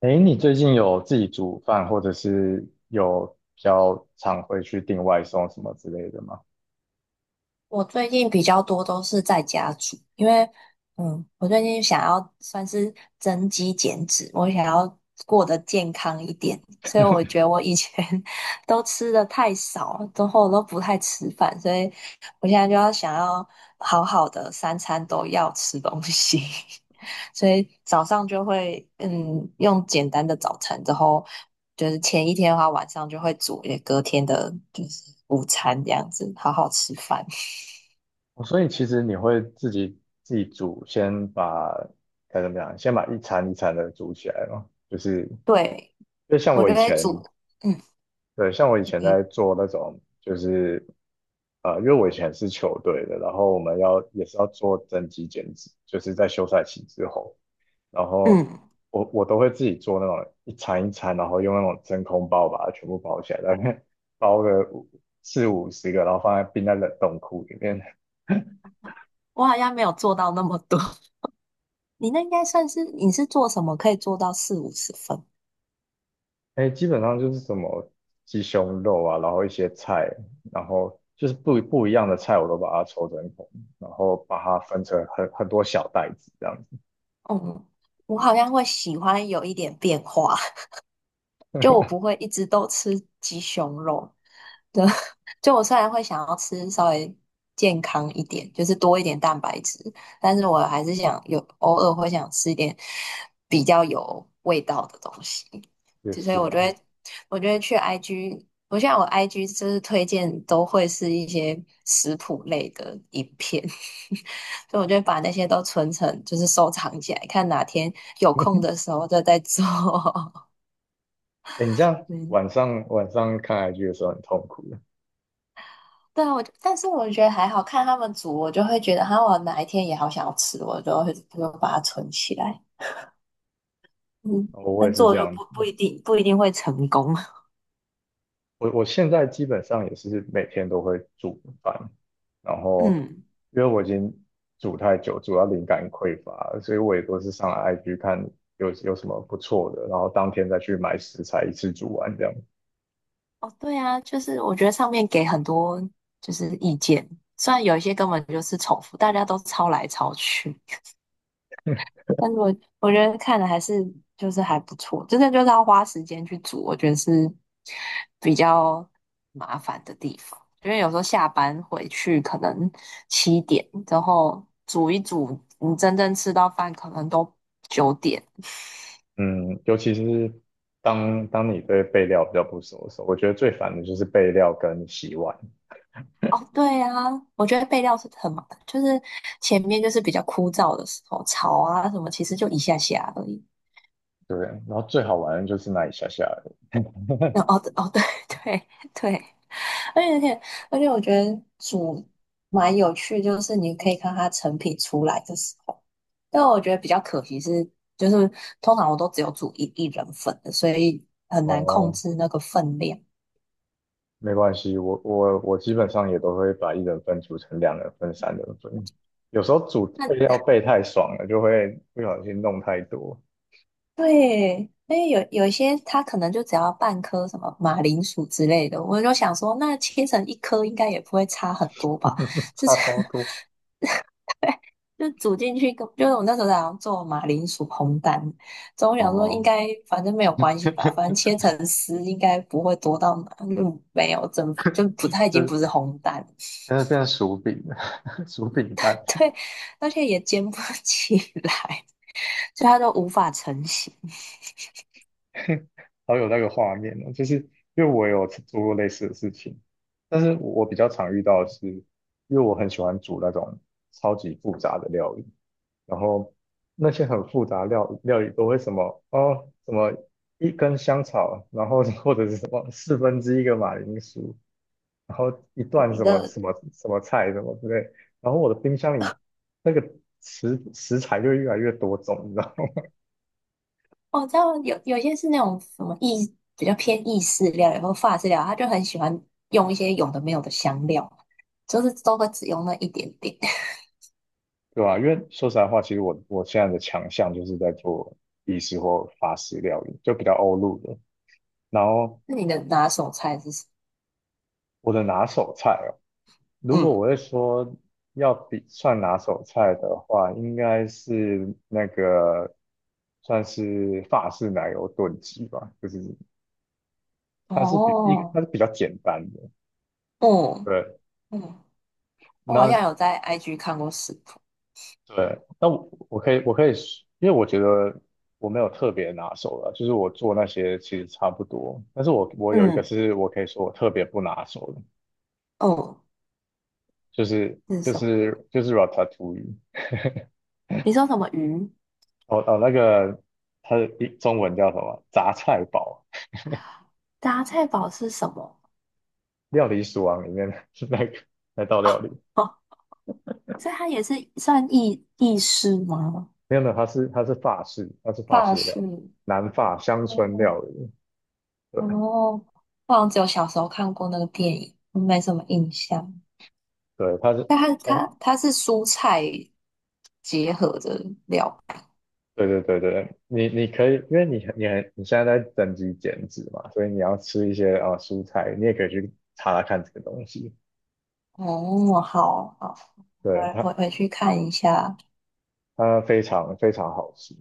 哎，你最近有自己煮饭，或者是有比较常会去订外送什么之类的吗？我最近比较多都是在家煮，因为我最近想要算是增肌减脂，我想要过得健康一点，所以我觉得我以前 都吃的太少，之后都不太吃饭，所以我现在就要想要好好的三餐都要吃东西，所以早上就会用简单的早餐，之后就是前一天的话，晚上就会煮也隔天的就是午餐这样子，好好吃饭。哦所以其实你会自己煮，先把该怎么讲，先把一餐一餐的煮起来嘛。就是对，就像我我觉以得前，煮，嗯，对，像我以前你，在做那种，就是因为我以前是球队的，然后我们要也是要做增肌减脂，就是在休赛期之后。然后嗯，我都会自己做那种一餐一餐，然后用那种真空包把它全部包起来，大概 包个五四五十个，然后放在冰在冷冻库里面。我好像没有做到那么多。你那应该算是，你是做什么可以做到四五十分？哎，基本上就是什么鸡胸肉啊，然后一些菜，然后就是不一样的菜，我都把它抽真空，然后把它分成很多小袋子这样子。嗯，我好像会喜欢有一点变化。就我不会一直都吃鸡胸肉的，对 就我虽然会想要吃稍微健康一点，就是多一点蛋白质，但是我还是想有偶尔会想吃一点比较有味道的东西，就就所以是我就啊，会我就得去 IG，我现在我 IG 就是推荐都会是一些食谱类的影片，所以我就会把那些都存成就是收藏起来，看哪天有 空的时候就再做。哎，你这样嗯晚上看 i 剧的时候很痛苦的，对啊，我就但是我觉得还好看他们煮，我就会觉得，哈，我哪一天也好想要吃，我就会就把它存起来。嗯，我也但是做这就不样。不一定不一定会成功。我现在基本上也是每天都会煮饭，然 后嗯，因为我已经煮太久，煮到灵感匮乏了，所以我也都是上 IG 看有什么不错的，然后当天再去买食材，一次煮完这样。哦，对啊，就是我觉得上面给很多就是意见，虽然有一些根本就是重复，大家都抄来抄去。但是我觉得看的还是就是还不错，真的就是要花时间去煮，我觉得是比较麻烦的地方。因为有时候下班回去可能七点，然后煮一煮，你真正吃到饭可能都九点。嗯，尤其是当你对备料比较不熟的时候，我觉得最烦的就是备料跟洗碗。哦，对啊，我觉得备料是很麻烦，就是前面就是比较枯燥的时候，炒啊什么，其实就一下下而已。对，然后最好玩的就是那一下下而已。 那 哦哦，对 对对，而且而且，而且我觉得煮蛮有趣，就是你可以看它成品出来的时候。但我觉得比较可惜是，就是通常我都只有煮一人份的，所以很难控哦，制那个分量。没关系，我基本上也都会把一人份煮成两人份、三人份。有时候煮那备料备太爽了，就会不小心弄太多。对，因为有一些它可能就只要半颗什么马铃薯之类的，我就想说，那切成一颗应该也不会差很多吧？就差是 超 多。就煮进去根，就是我那时候在好像做马铃薯烘蛋，所以我想说应哦，该反正没有关系吧，反正 切成丝应该不会多到哪，就没有整，就不太已就经是不是烘蛋了，但是变成薯饼了，薯饼蛋，对，而且也煎不 起来，所以它就无法成型。好有那个画面哦。就是因为我有做过类似的事情，但是我比较常遇到的是，因为我很喜欢煮那种超级复杂的料理。然后那些很复杂料理都会什么哦，什么一根香草，然后 或者是什么四分之一个马铃薯，然后一段一什么个什么什么菜什么之类，然后我的冰箱里那个食材就越来越多种，你知道吗？我知道有些是那种什么意比较偏意式料然或法式料理，他就很喜欢用一些有的没有的香料，就是都会只用那一点点。对吧、因为说实在话，其实我现在的强项就是在做意式或法式料理，就比较欧陆的。然后那你的拿手菜是什么我的拿手菜哦，如果嗯，我会说要比算拿手菜的话，应该是那个算是法式奶油炖鸡吧，就是它是比一个哦。它是比较简单的。哦，对，嗯，我好那像有在 IG 看过食谱。对，那我我可以我可以说，因为我觉得我没有特别拿手的，就是我做那些其实差不多，但是我我有一个嗯，是我可以说我特别不拿手的，哦，就是是就什么？是就是 ratatouille，你说什么鱼？哦哦那个它的中文叫什么？杂菜煲。杂菜煲是什么？料理鼠王里面的 那个那道哦料理，哦，所以它也是算意式吗？没有，它是法式，它是法法式的料式。理，南法乡村哦，料理。对哦，我好像只有小时候看过那个电影，没什么印象。对，它是，但它哎，它它是蔬菜结合的料。对，你你可以，因为你你很你现在在增肌减脂嘛，所以你要吃一些啊、呃蔬菜，你也可以去查查看这个东西。哦，好好，对，我它我回去看一下它非常非常好吃。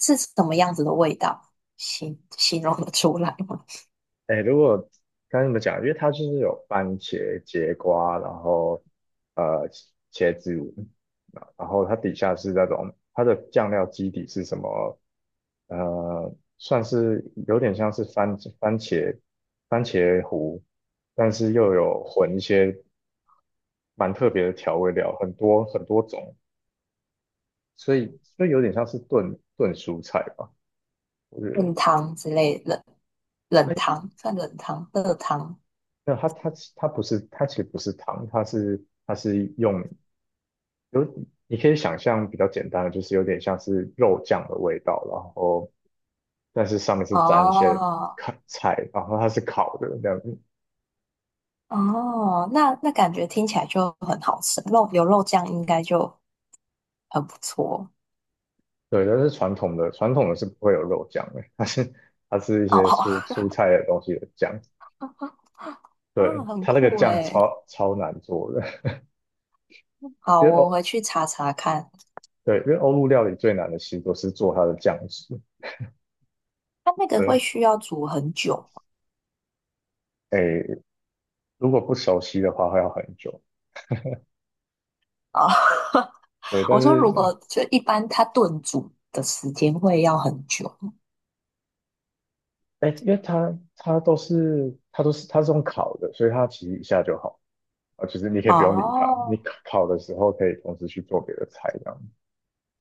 是什么样子的味道？形容得出来吗？哎，如果该怎么讲？因为它就是有番茄、节瓜，然后呃茄子，然后它底下是那种它的酱料基底是什么？呃，算是有点像是番茄番茄糊，但是又有混一些蛮特别的调味料，很多很多种，所以所以有点像是炖蔬菜吧，我觉 得。炖汤之类冷哎，冷它汤算冷汤热汤那它不是，它其实不是汤，它是它是用有，你可以想象比较简单的，就是有点像是肉酱的味道，然后但是上面是沾一些哦烤菜，然后它是烤的这样子。哦，那感觉听起来就很好吃，肉有肉酱应该就很不错对，但是传统的是不会有肉酱的，它是它是一哦些哦蔬菜的东西的酱。哦，对，很它那个酷酱诶。超难做的。好，因为我回欧去查查看，对，因为欧陆料理最难的其实都是做它的酱汁。它那个会对，需要煮很久诶，如果不熟悉的话会要很久。啊。哦 对，但我说如是果就一般它炖煮的时间会要很久哎，因为它它是用烤的，所以它其实一下就好啊，就是你可以不用理它，你哦。烤烤的时候可以同时去做别的菜这样。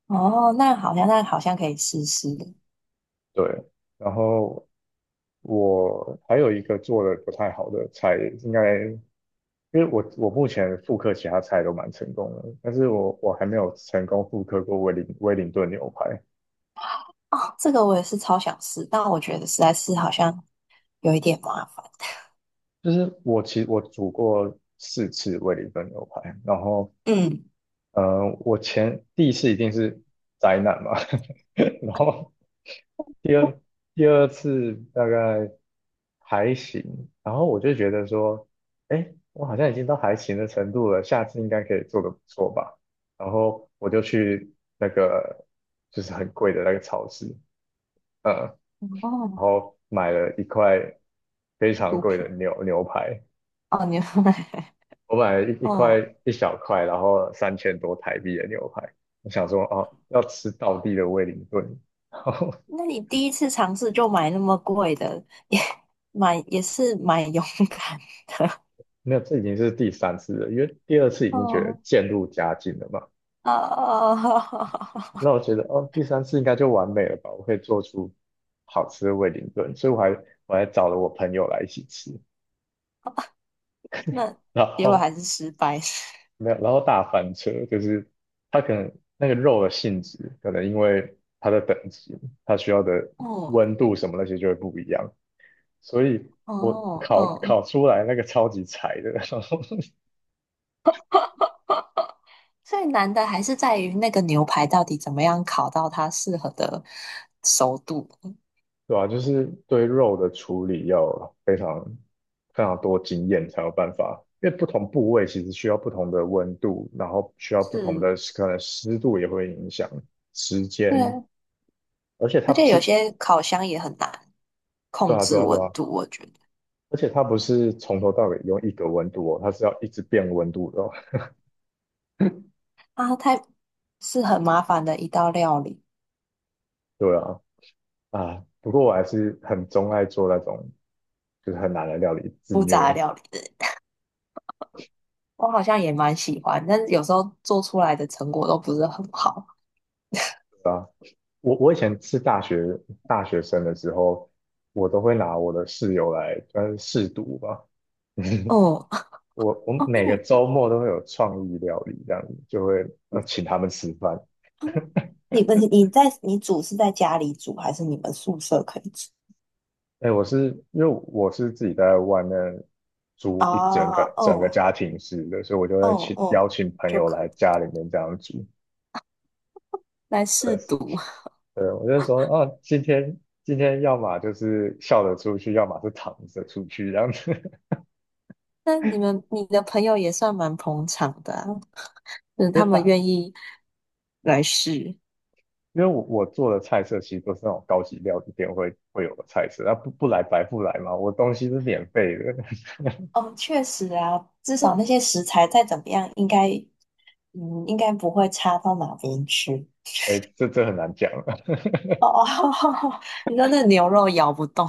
哦，那好像那好像可以试试的。对，然后我还有一个做的不太好的菜，应该因为我目前复刻其他菜都蛮成功的，但是我还没有成功复刻过威灵顿牛排。哦，这个我也是超想试，但我觉得实在是好像有一点麻烦。就是我其实我煮过四次威灵顿牛排，然后嗯，呃，我前第一次一定是灾难嘛，然后第二第二次大概还行，然后我就觉得说，哎，我好像已经到还行的程度了，下次应该可以做得不错吧。然后我就去那个就是很贵的那个超市，呃，然哦，后买了一块非常毒贵的品。牛排，哦，你 我买了 一哦，一小块，然后三千多台币的牛排，我想说哦，要吃道地的威灵顿。然后那你第一次尝试就买那么贵的，也蛮也是蛮勇敢的。那这已经是第三次了，因为第二次已经觉得哦，渐入佳境了嘛，那哦。我觉得哦，第三次应该就完美了吧，我可以做出好吃的威灵顿，所以我还找了我朋友来一起吃，那然结果后还是失败。没有，然后大翻车，就是它可能那个肉的性质，可能因为它的等级，它需要的哦，温度什么那些就会不一样。所以我哦，烤哦，烤出来那个超级柴的，最难的还是在于那个牛排到底怎么样烤到它适合的熟度。对吧、就是对肉的处理要非常非常多经验才有办法，因为不同部位其实需要不同的温度，然后需要不同是，的可能湿度也会影响时间，对，而且它而不且有是，些烤箱也很难对控啊对制啊对温啊，度，我觉得而且它不是从头到尾用一个温度哦，它是要一直变温度的哦，啊，太是很麻烦的一道料理，对啊啊，不过我还是很钟爱做那种就是很难的料理自不杂虐。料理。我好像也蛮喜欢，但是有时候做出来的成果都不是很好。啊。我我以前是大学生的时候，我都会拿我的室友来算是试毒吧。嗯，我哦，每个那周末都会有创意料理，这样子就会呃请他们吃饭。你们你煮是在家里煮，还是你们宿舍可以煮？哎，我是因为我是自己在外面租啊，一整个哦，家庭式的，所以我就会哦，请邀哦，请朋就友可。来家里面这样煮。来试对读。对，我就说啊，今天要么就是笑着出去，要么是躺着出去这样子。那你们你的朋友也算蛮捧场的啊，就是 就他们大愿意来试。因为我做的菜色其实都是那种高级料理店会有的菜色，那不不来白不来嘛，我东西是免费的，哦，确实啊，至少那些食材再怎么样，应该应该不会差到哪边去。哎，这这很难讲啊，哦哦，你说那牛肉咬不动。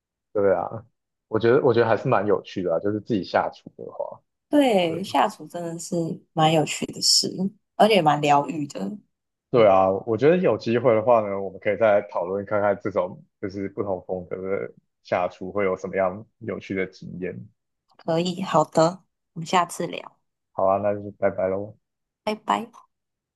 对啊，我觉得还是蛮有趣的啊，就是自己下厨的话，对对，下厨真的是蛮有趣的事，而且蛮疗愈的。对嗯，啊，我觉得有机会的话呢，我们可以再讨论看看这种就是不同风格的下厨会有什么样有趣的经验。可以，好的，我们下次聊，好啊，那就拜拜喽。拜拜。